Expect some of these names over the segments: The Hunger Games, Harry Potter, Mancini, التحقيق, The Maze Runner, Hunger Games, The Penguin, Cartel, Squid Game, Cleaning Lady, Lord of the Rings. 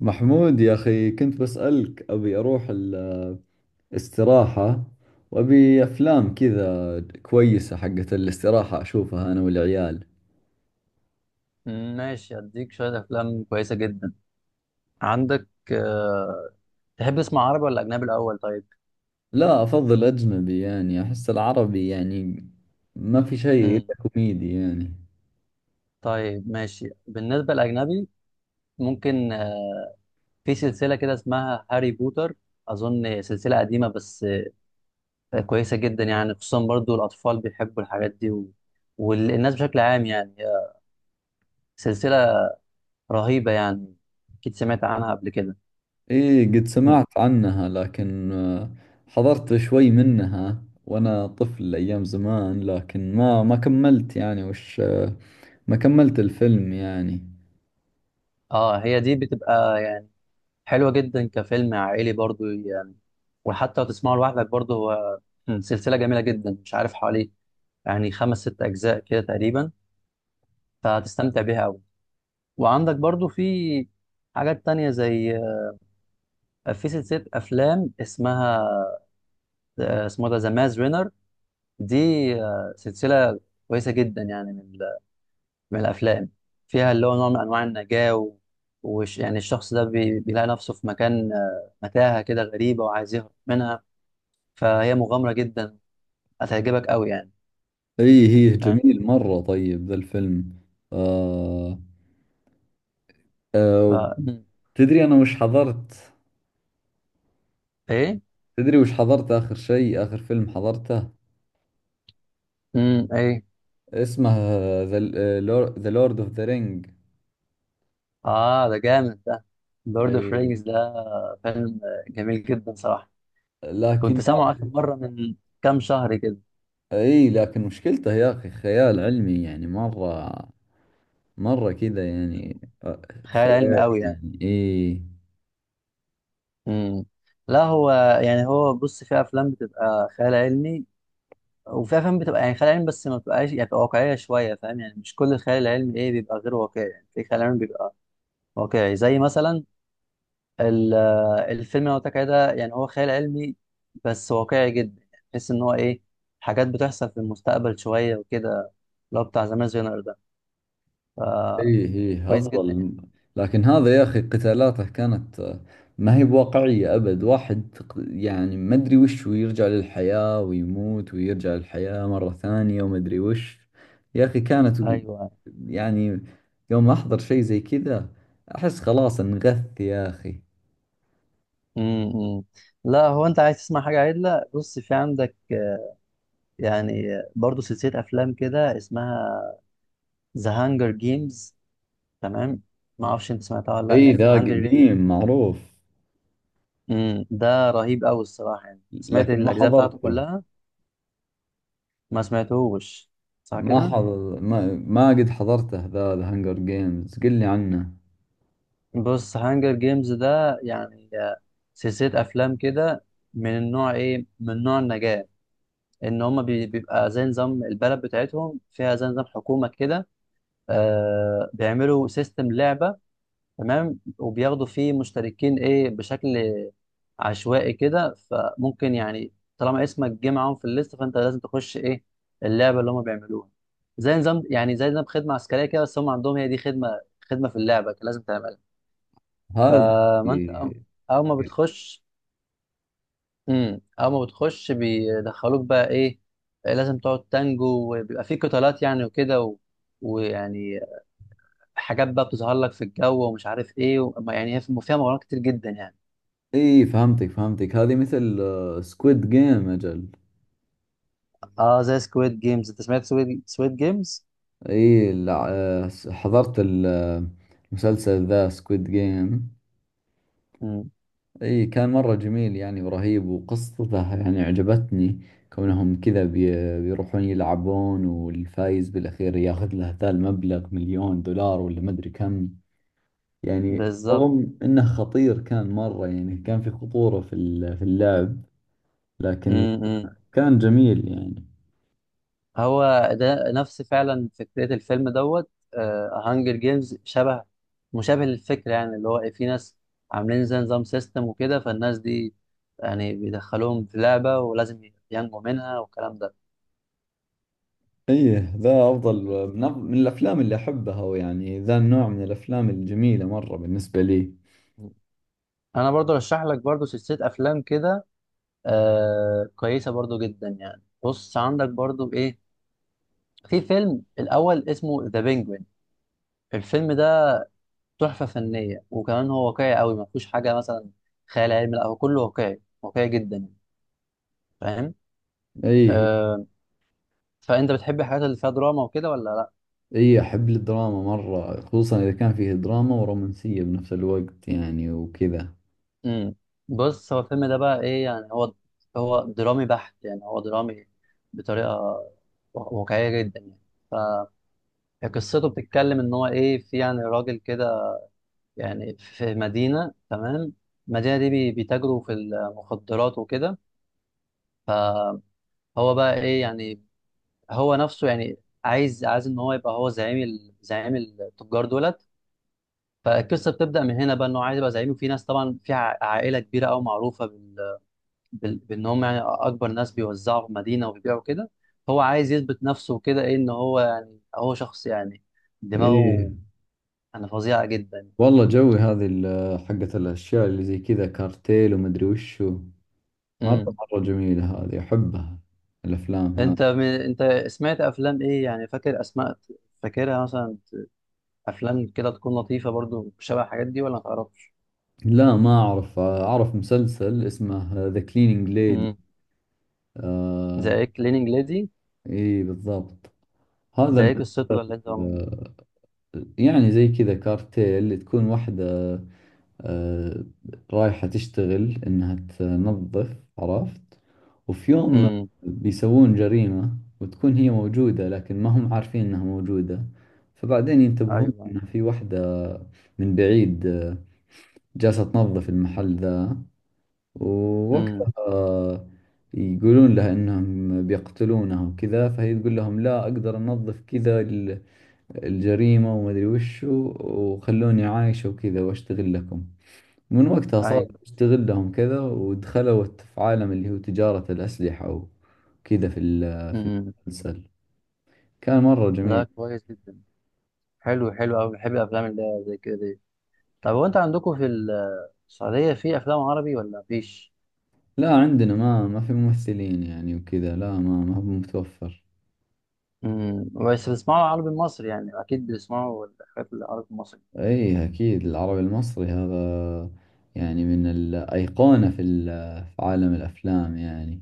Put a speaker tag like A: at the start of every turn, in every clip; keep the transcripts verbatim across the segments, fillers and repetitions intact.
A: محمود يا أخي، كنت بسألك أبي أروح الاستراحة، وأبي أفلام كذا كويسة حقت الاستراحة أشوفها أنا والعيال.
B: ماشي، اديك شويه افلام كويسه جدا. عندك آه، تحب تسمع عربي ولا اجنبي الاول؟ طيب.
A: لا، أفضل أجنبي، يعني أحس العربي يعني ما في شيء
B: مم.
A: إلا كوميدي يعني.
B: طيب ماشي، بالنسبه للاجنبي، ممكن آه، في سلسله كده اسمها هاري بوتر. اظن سلسله قديمه، بس آه، كويسه جدا يعني، خصوصا برضو الاطفال بيحبوا الحاجات دي. و... والناس بشكل عام يعني آه، سلسله رهيبه يعني. اكيد سمعت عنها قبل كده.
A: إيه قد سمعت عنها، لكن آه، حضرت شوي منها وأنا طفل أيام زمان، لكن ما ما كملت يعني وش آه، ما كملت الفيلم يعني.
B: اه، هي دي بتبقى حلوة جدا كفيلم عائلي برضو يعني، وحتى لو تسمعه لوحدك برضو هو مم. سلسلة جميلة جدا. مش عارف، حوالي يعني خمس ست أجزاء كده تقريبا، فهتستمتع بيها أوي. وعندك برضو في حاجات تانية، زي آه، في سلسلة أفلام اسمها، آه، اسمه ده ذا ماز رينر. دي آه، سلسلة كويسة جدا يعني، من, ال- من الأفلام فيها، اللي هو نوع من أنواع النجاة. و... وش يعني، الشخص ده بي... بيلاقي نفسه في مكان آه، متاهة كده غريبة، وعايز يهرب منها. فهي مغامرة جدا، هتعجبك قوي يعني.
A: اي هي
B: فاهم؟
A: جميل مرة، طيب ذا الفيلم. آه.
B: ف
A: آه.
B: مم.
A: تدري انا وش حضرت؟
B: ايه.
A: تدري وش حضرت اخر شيء؟ اخر فيلم حضرته
B: امم ايه.
A: اسمه ذا لورد اوف ذا رينج.
B: اه، ده جامد ده. لورد اوف
A: اي
B: رينجز ده فيلم جميل جدا صراحة. كنت
A: لكن يا،
B: سامعه آخر مرة من كام شهر كده.
A: اي لكن مشكلته يا اخي خيال علمي يعني مرة، مرة كذا يعني.
B: مم.
A: آه،
B: خيال علمي
A: خيالي
B: قوي يعني.
A: يعني اي.
B: امم لا، هو يعني هو بص، في افلام بتبقى خيال علمي، وفي افلام بتبقى يعني خيال علمي بس ما بتبقاش، يعني بتبقى واقعية شوية. فاهم؟ يعني مش كل الخيال العلمي ايه بيبقى غير واقعي، يعني في خيال علمي بيبقى واقعي، زي مثلا ال- الفيلم اللي أنا قلت لك عليه ده، يعني هو خيال علمي بس واقعي جدا. يعني تحس ان هو ايه، حاجات بتحصل في المستقبل شويه وكده، اللي هو بتاع زمان جنر ده.
A: ايه
B: فكويس
A: ايه
B: جدا يعني.
A: افضل. لكن هذا يا اخي قتالاته كانت، آه، ما هي بواقعية ابد، واحد ق- يعني ما ادري وش، ويرجع للحياة ويموت ويرجع للحياة مرة ثانية وما ادري وش. يا اخي كانت
B: ايوه.
A: يعني، يوم احضر شيء زي كذا احس خلاص انغث يا اخي.
B: امم لا، هو انت عايز تسمع حاجه عدله؟ بص، في عندك آه، يعني آه، برضو سلسله افلام كده اسمها ذا هانجر جيمز. تمام؟ ما اعرفش انت سمعتها ولا لا،
A: اي ذا
B: ذا هانجر جيمز.
A: قديم معروف.
B: امم ده رهيب قوي الصراحه يعني. سمعت
A: لكن ما
B: الاجزاء بتاعته
A: حضرته،
B: كلها، ما سمعتهوش صح
A: ما
B: كده؟
A: حضر ما, ما قد حضرته ذا، ذا هانجر جيمز، قل لي عنه.
B: بص، هانجر جيمز ده يعني آه، سلسلة أفلام كده من النوع إيه؟ من نوع النجاة. إن هما بي- بيبقى زي نظام البلد بتاعتهم. فيها زي نظام حكومة كده. آه بيعملوا سيستم لعبة. تمام؟ وبياخدوا فيه مشتركين إيه، بشكل عشوائي كده. فممكن يعني طالما اسمك جه معاهم في الليست، فأنت لازم تخش إيه، اللعبة اللي هما بيعملوها. زي نظام، يعني زي نظام خدمة عسكرية كده، بس هم عندهم هي دي خدمة، خدمة في اللعبة لازم تعملها.
A: هذا.
B: فما انت أو
A: إيه،
B: اول ما بتخش امم اول ما بتخش بيدخلوك بقى ايه، لازم تقعد تانجو. وبيبقى في قتالات يعني، وكده و... ويعني حاجات بقى بتظهر لك في الجو، ومش عارف ايه. و... ما يعني، هي في- فيها مغامرات كتير جدا يعني.
A: اي فهمتك فهمتك، هذه مثل سكويد جيم اجل.
B: اه، زي سكويد جيمز. انت سمعت سكويد سكويد جيمز؟
A: اي لع- آه، س- حضرت ال- آه، المسلسل ذا سكويد جيم.
B: امم
A: اي كان مرة جميل يعني ورهيب، وقصته يعني عجبتني، كونهم كذا بي- بيروحون يلعبون والفايز بالاخير ياخذ له ذا المبلغ مليون دولار ولا مدري كم. يعني
B: بالظبط.
A: رغم انه خطير كان مرة، يعني كان في خطورة في ال- في اللعب، لكن
B: امم
A: كان جميل يعني.
B: هو ده نفس فعلا فكرة الفيلم دوت. هانجر جيمز شبه مشابه للفكرة، يعني اللي هو إيه، في ناس عاملين زي نظام سيستم وكده، فالناس دي يعني بيدخلوهم في لعبة ولازم ينجوا منها والكلام ده.
A: ايه ذا افضل
B: م-
A: من, أف- من الافلام اللي احبها، ويعني ذا النوع من الافلام الجميلة مرة بالنسبة لي.
B: م. أنا برضو رشح لك برضو سلسلة أفلام كده، آه كويسة برضو جدا يعني. بص، عندك برضو إيه، في فيلم الأول اسمه ذا بينجوين. الفيلم ده تحفة فنية، وكمان هو واقعي قوي. ما فيهوش حاجة مثلا خيال علمي، لا هو كله واقعي، واقعي جدا يعني. فاهم؟
A: ايه
B: آه فأنت بتحب الحاجات اللي فيها دراما وكده ولا لا؟
A: ايه احب الدراما مرة، خصوصا اذا كان فيه دراما ورومانسية بنفس الوقت يعني وكذا.
B: امم بص، هو الفيلم ده بقى إيه يعني، هو هو درامي بحت، يعني هو درامي بطريقة وا- واقعية جدا يعني. فقصته بتتكلم إن هو إيه، في يعني راجل كده، يعني في مدينة. تمام؟ المدينة دي بي- بيتاجروا في المخدرات وكده. هو بقى إيه يعني، هو نفسه يعني عايز عايز ان هو يبقى هو زعيم ال- زعيم التجار دولت. فالقصه بتبدا من هنا بقى، ان هو عايز يبقى زعيم. وفي ناس طبعا، في ع- عائله كبيره قوي معروفه بال... بال... بان هم يعني اكبر ناس بيوزعوا في مدينه وبيبيعوا كده. هو عايز يثبت نفسه كده ايه، ان هو يعني هو شخص يعني
A: ايه
B: دماغه انا فظيعه جدا.
A: والله جوي هذه ال- حقة، الاشياء اللي زي كذا كارتيل ومدري وشو، مرة
B: امم
A: مرة جميلة هذه، احبها الافلام هذه.
B: انت من... انت سمعت افلام ايه يعني، فاكر اسماء؟ فاكرها مثلا افلام كده تكون لطيفه برضو شبه الحاجات دي، ولا ما تعرفش؟
A: لا ما اعرف، اعرف مسلسل اسمه ذا كلينينج ليدي.
B: امم
A: آه.
B: زي كليننج ليدي.
A: ايه بالضبط، هذا
B: ده ايه قصته ده
A: المسلسل.
B: اللي انت عم-
A: يعني زي كذا كارتيل، اللي تكون واحدة آه، رايحة تشتغل إنها تنظف، عرفت؟ وفي يوم
B: امم
A: بيسوون جريمة وتكون هي موجودة لكن ما هم عارفين إنها موجودة. فبعدين ينتبهون
B: ايوه.
A: إن في واحدة من بعيد آه، جالسة تنظف المحل ذا.
B: امم
A: ووقتها يقولون لها إنهم بيقتلونها وكذا، فهي تقول لهم لا، أقدر أنظف كذا الجريمة وما أدري وشو، وخلوني عايشة وكذا وأشتغل لكم. من وقتها صار
B: ايوه.
A: أشتغل لهم كذا، ودخلوا في عالم اللي هو تجارة الأسلحة وكذا في ال- في
B: امم
A: المسلسل. كان مرة جميل.
B: لا، كويس جدا. حلو، حلو قوي. بحب الافلام اللي هي زي كده دي. طب هو انت عندكم في السعوديه في افلام عربي ولا مفيش؟
A: لا عندنا ما ما في ممثلين يعني وكذا، لا ما ما هو متوفر.
B: امم بس بتسمعوا العربي المصري يعني، اكيد بتسمعوا الحاجات العربي المصري.
A: أي أكيد العربي المصري هذا يعني من الأيقونة في ال- في عالم الأفلام يعني.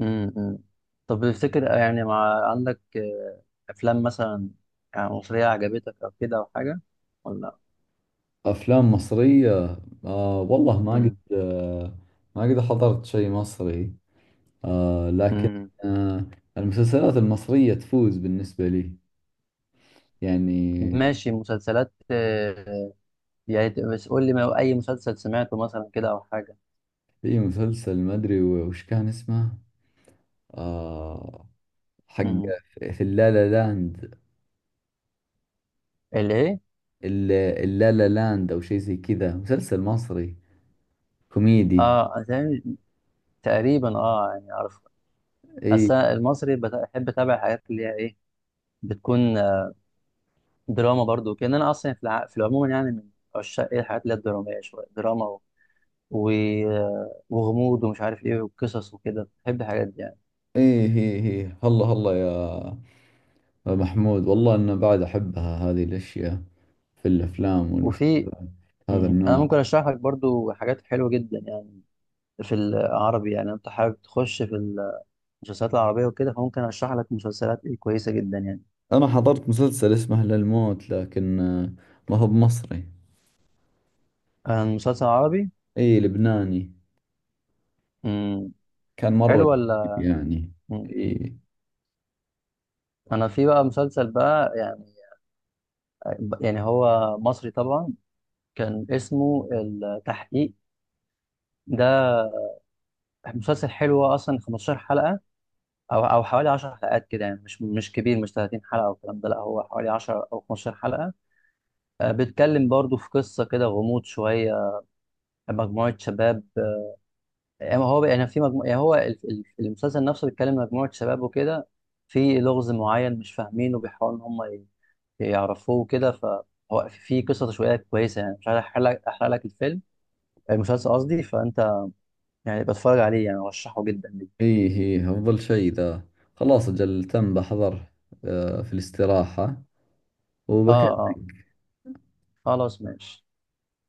B: امم أمم. طب تفتكر يعني، مع عندك آه، افلام مثلا يعني مصريه عجبتك او كده او حاجه، ولا؟
A: أفلام مصرية، آه والله ما قد
B: امم
A: آه، ما قد حضرت شيء مصري آه، لكن
B: أمم.
A: آه، المسلسلات المصرية تفوز بالنسبة لي يعني.
B: ماشي مسلسلات. يعني ت- بس قول لي، ما- اي مسلسل سمعته مثلا كده او حاجه؟
A: في مسلسل ما أدري وش كان اسمه، آه، حق
B: امم
A: في اللالا لاند،
B: اللي ايه؟
A: ال- اللالا لاند أو شيء زي كذا، مسلسل مصري كوميدي.
B: اه، تقريبا، تقريبا، اه يعني اعرف.
A: إي.
B: بس أنا المصري بت- بحب اتابع حاجات اللي هي ايه، بتكون آه، دراما برضو. كان انا اصلا في الع... في العموم، يعني من عشاق ايه الحاجات اللي هي الدراميه، شويه دراما و... و... آه، وغموض ومش عارف ايه وقصص وكده، بحب الحاجات دي يعني.
A: إي هي هي هلا هلا يا محمود، والله أنا بعد أحبها هذه الأشياء في الأفلام
B: وفي
A: والمسلسلات، هذا
B: مم. انا
A: النوع.
B: ممكن اشرح لك برضو حاجات حلوه جدا يعني في العربي. يعني انت حابب تخش في المسلسلات العربيه وكده، فممكن اشرح لك مسلسلات إيه كويسه جدا يعني.
A: أنا حضرت مسلسل اسمه للموت، لكن آه، ما هو بمصري.
B: آه، مسلسل عربي.
A: إي لبناني،
B: مم.
A: كان مرة
B: حلو
A: جميل
B: ولا؟
A: يعني.
B: مم.
A: إي.
B: انا في بقى مسلسل بقى يعني يعني هو مصري طبعا، كان اسمه التحقيق. ده مسلسل حلو، اصلا خمستاشر حلقة او او حوالي عشر حلقات كده. يعني مش مش كبير، مش تلاتين حلقة او الكلام ده، لا هو حوالي عشرة او خمسة عشر حلقة. آه، بيتكلم برضو في قصة كده، غموض شوية، مجموعة شباب. يعني هو يعني في مجموعة، يعني هو ال- ال- المسلسل نفسه بيتكلم مجموعة شباب وكده، في لغز معين مش فاهمينه، وبيحاولوا ان هم يعرفوه كده. فهو في قصة تشويقية كويسة يعني، مش عارف أحرق لك أحرق لك الفيلم، المسلسل قصدي. فأنت يعني بتفرج عليه يعني، أرشحه جدا ليك.
A: إي هي أفضل شيء ذا، خلاص أجل تم بحضر آه، في الاستراحة.
B: آه، آه، خلاص ماشي.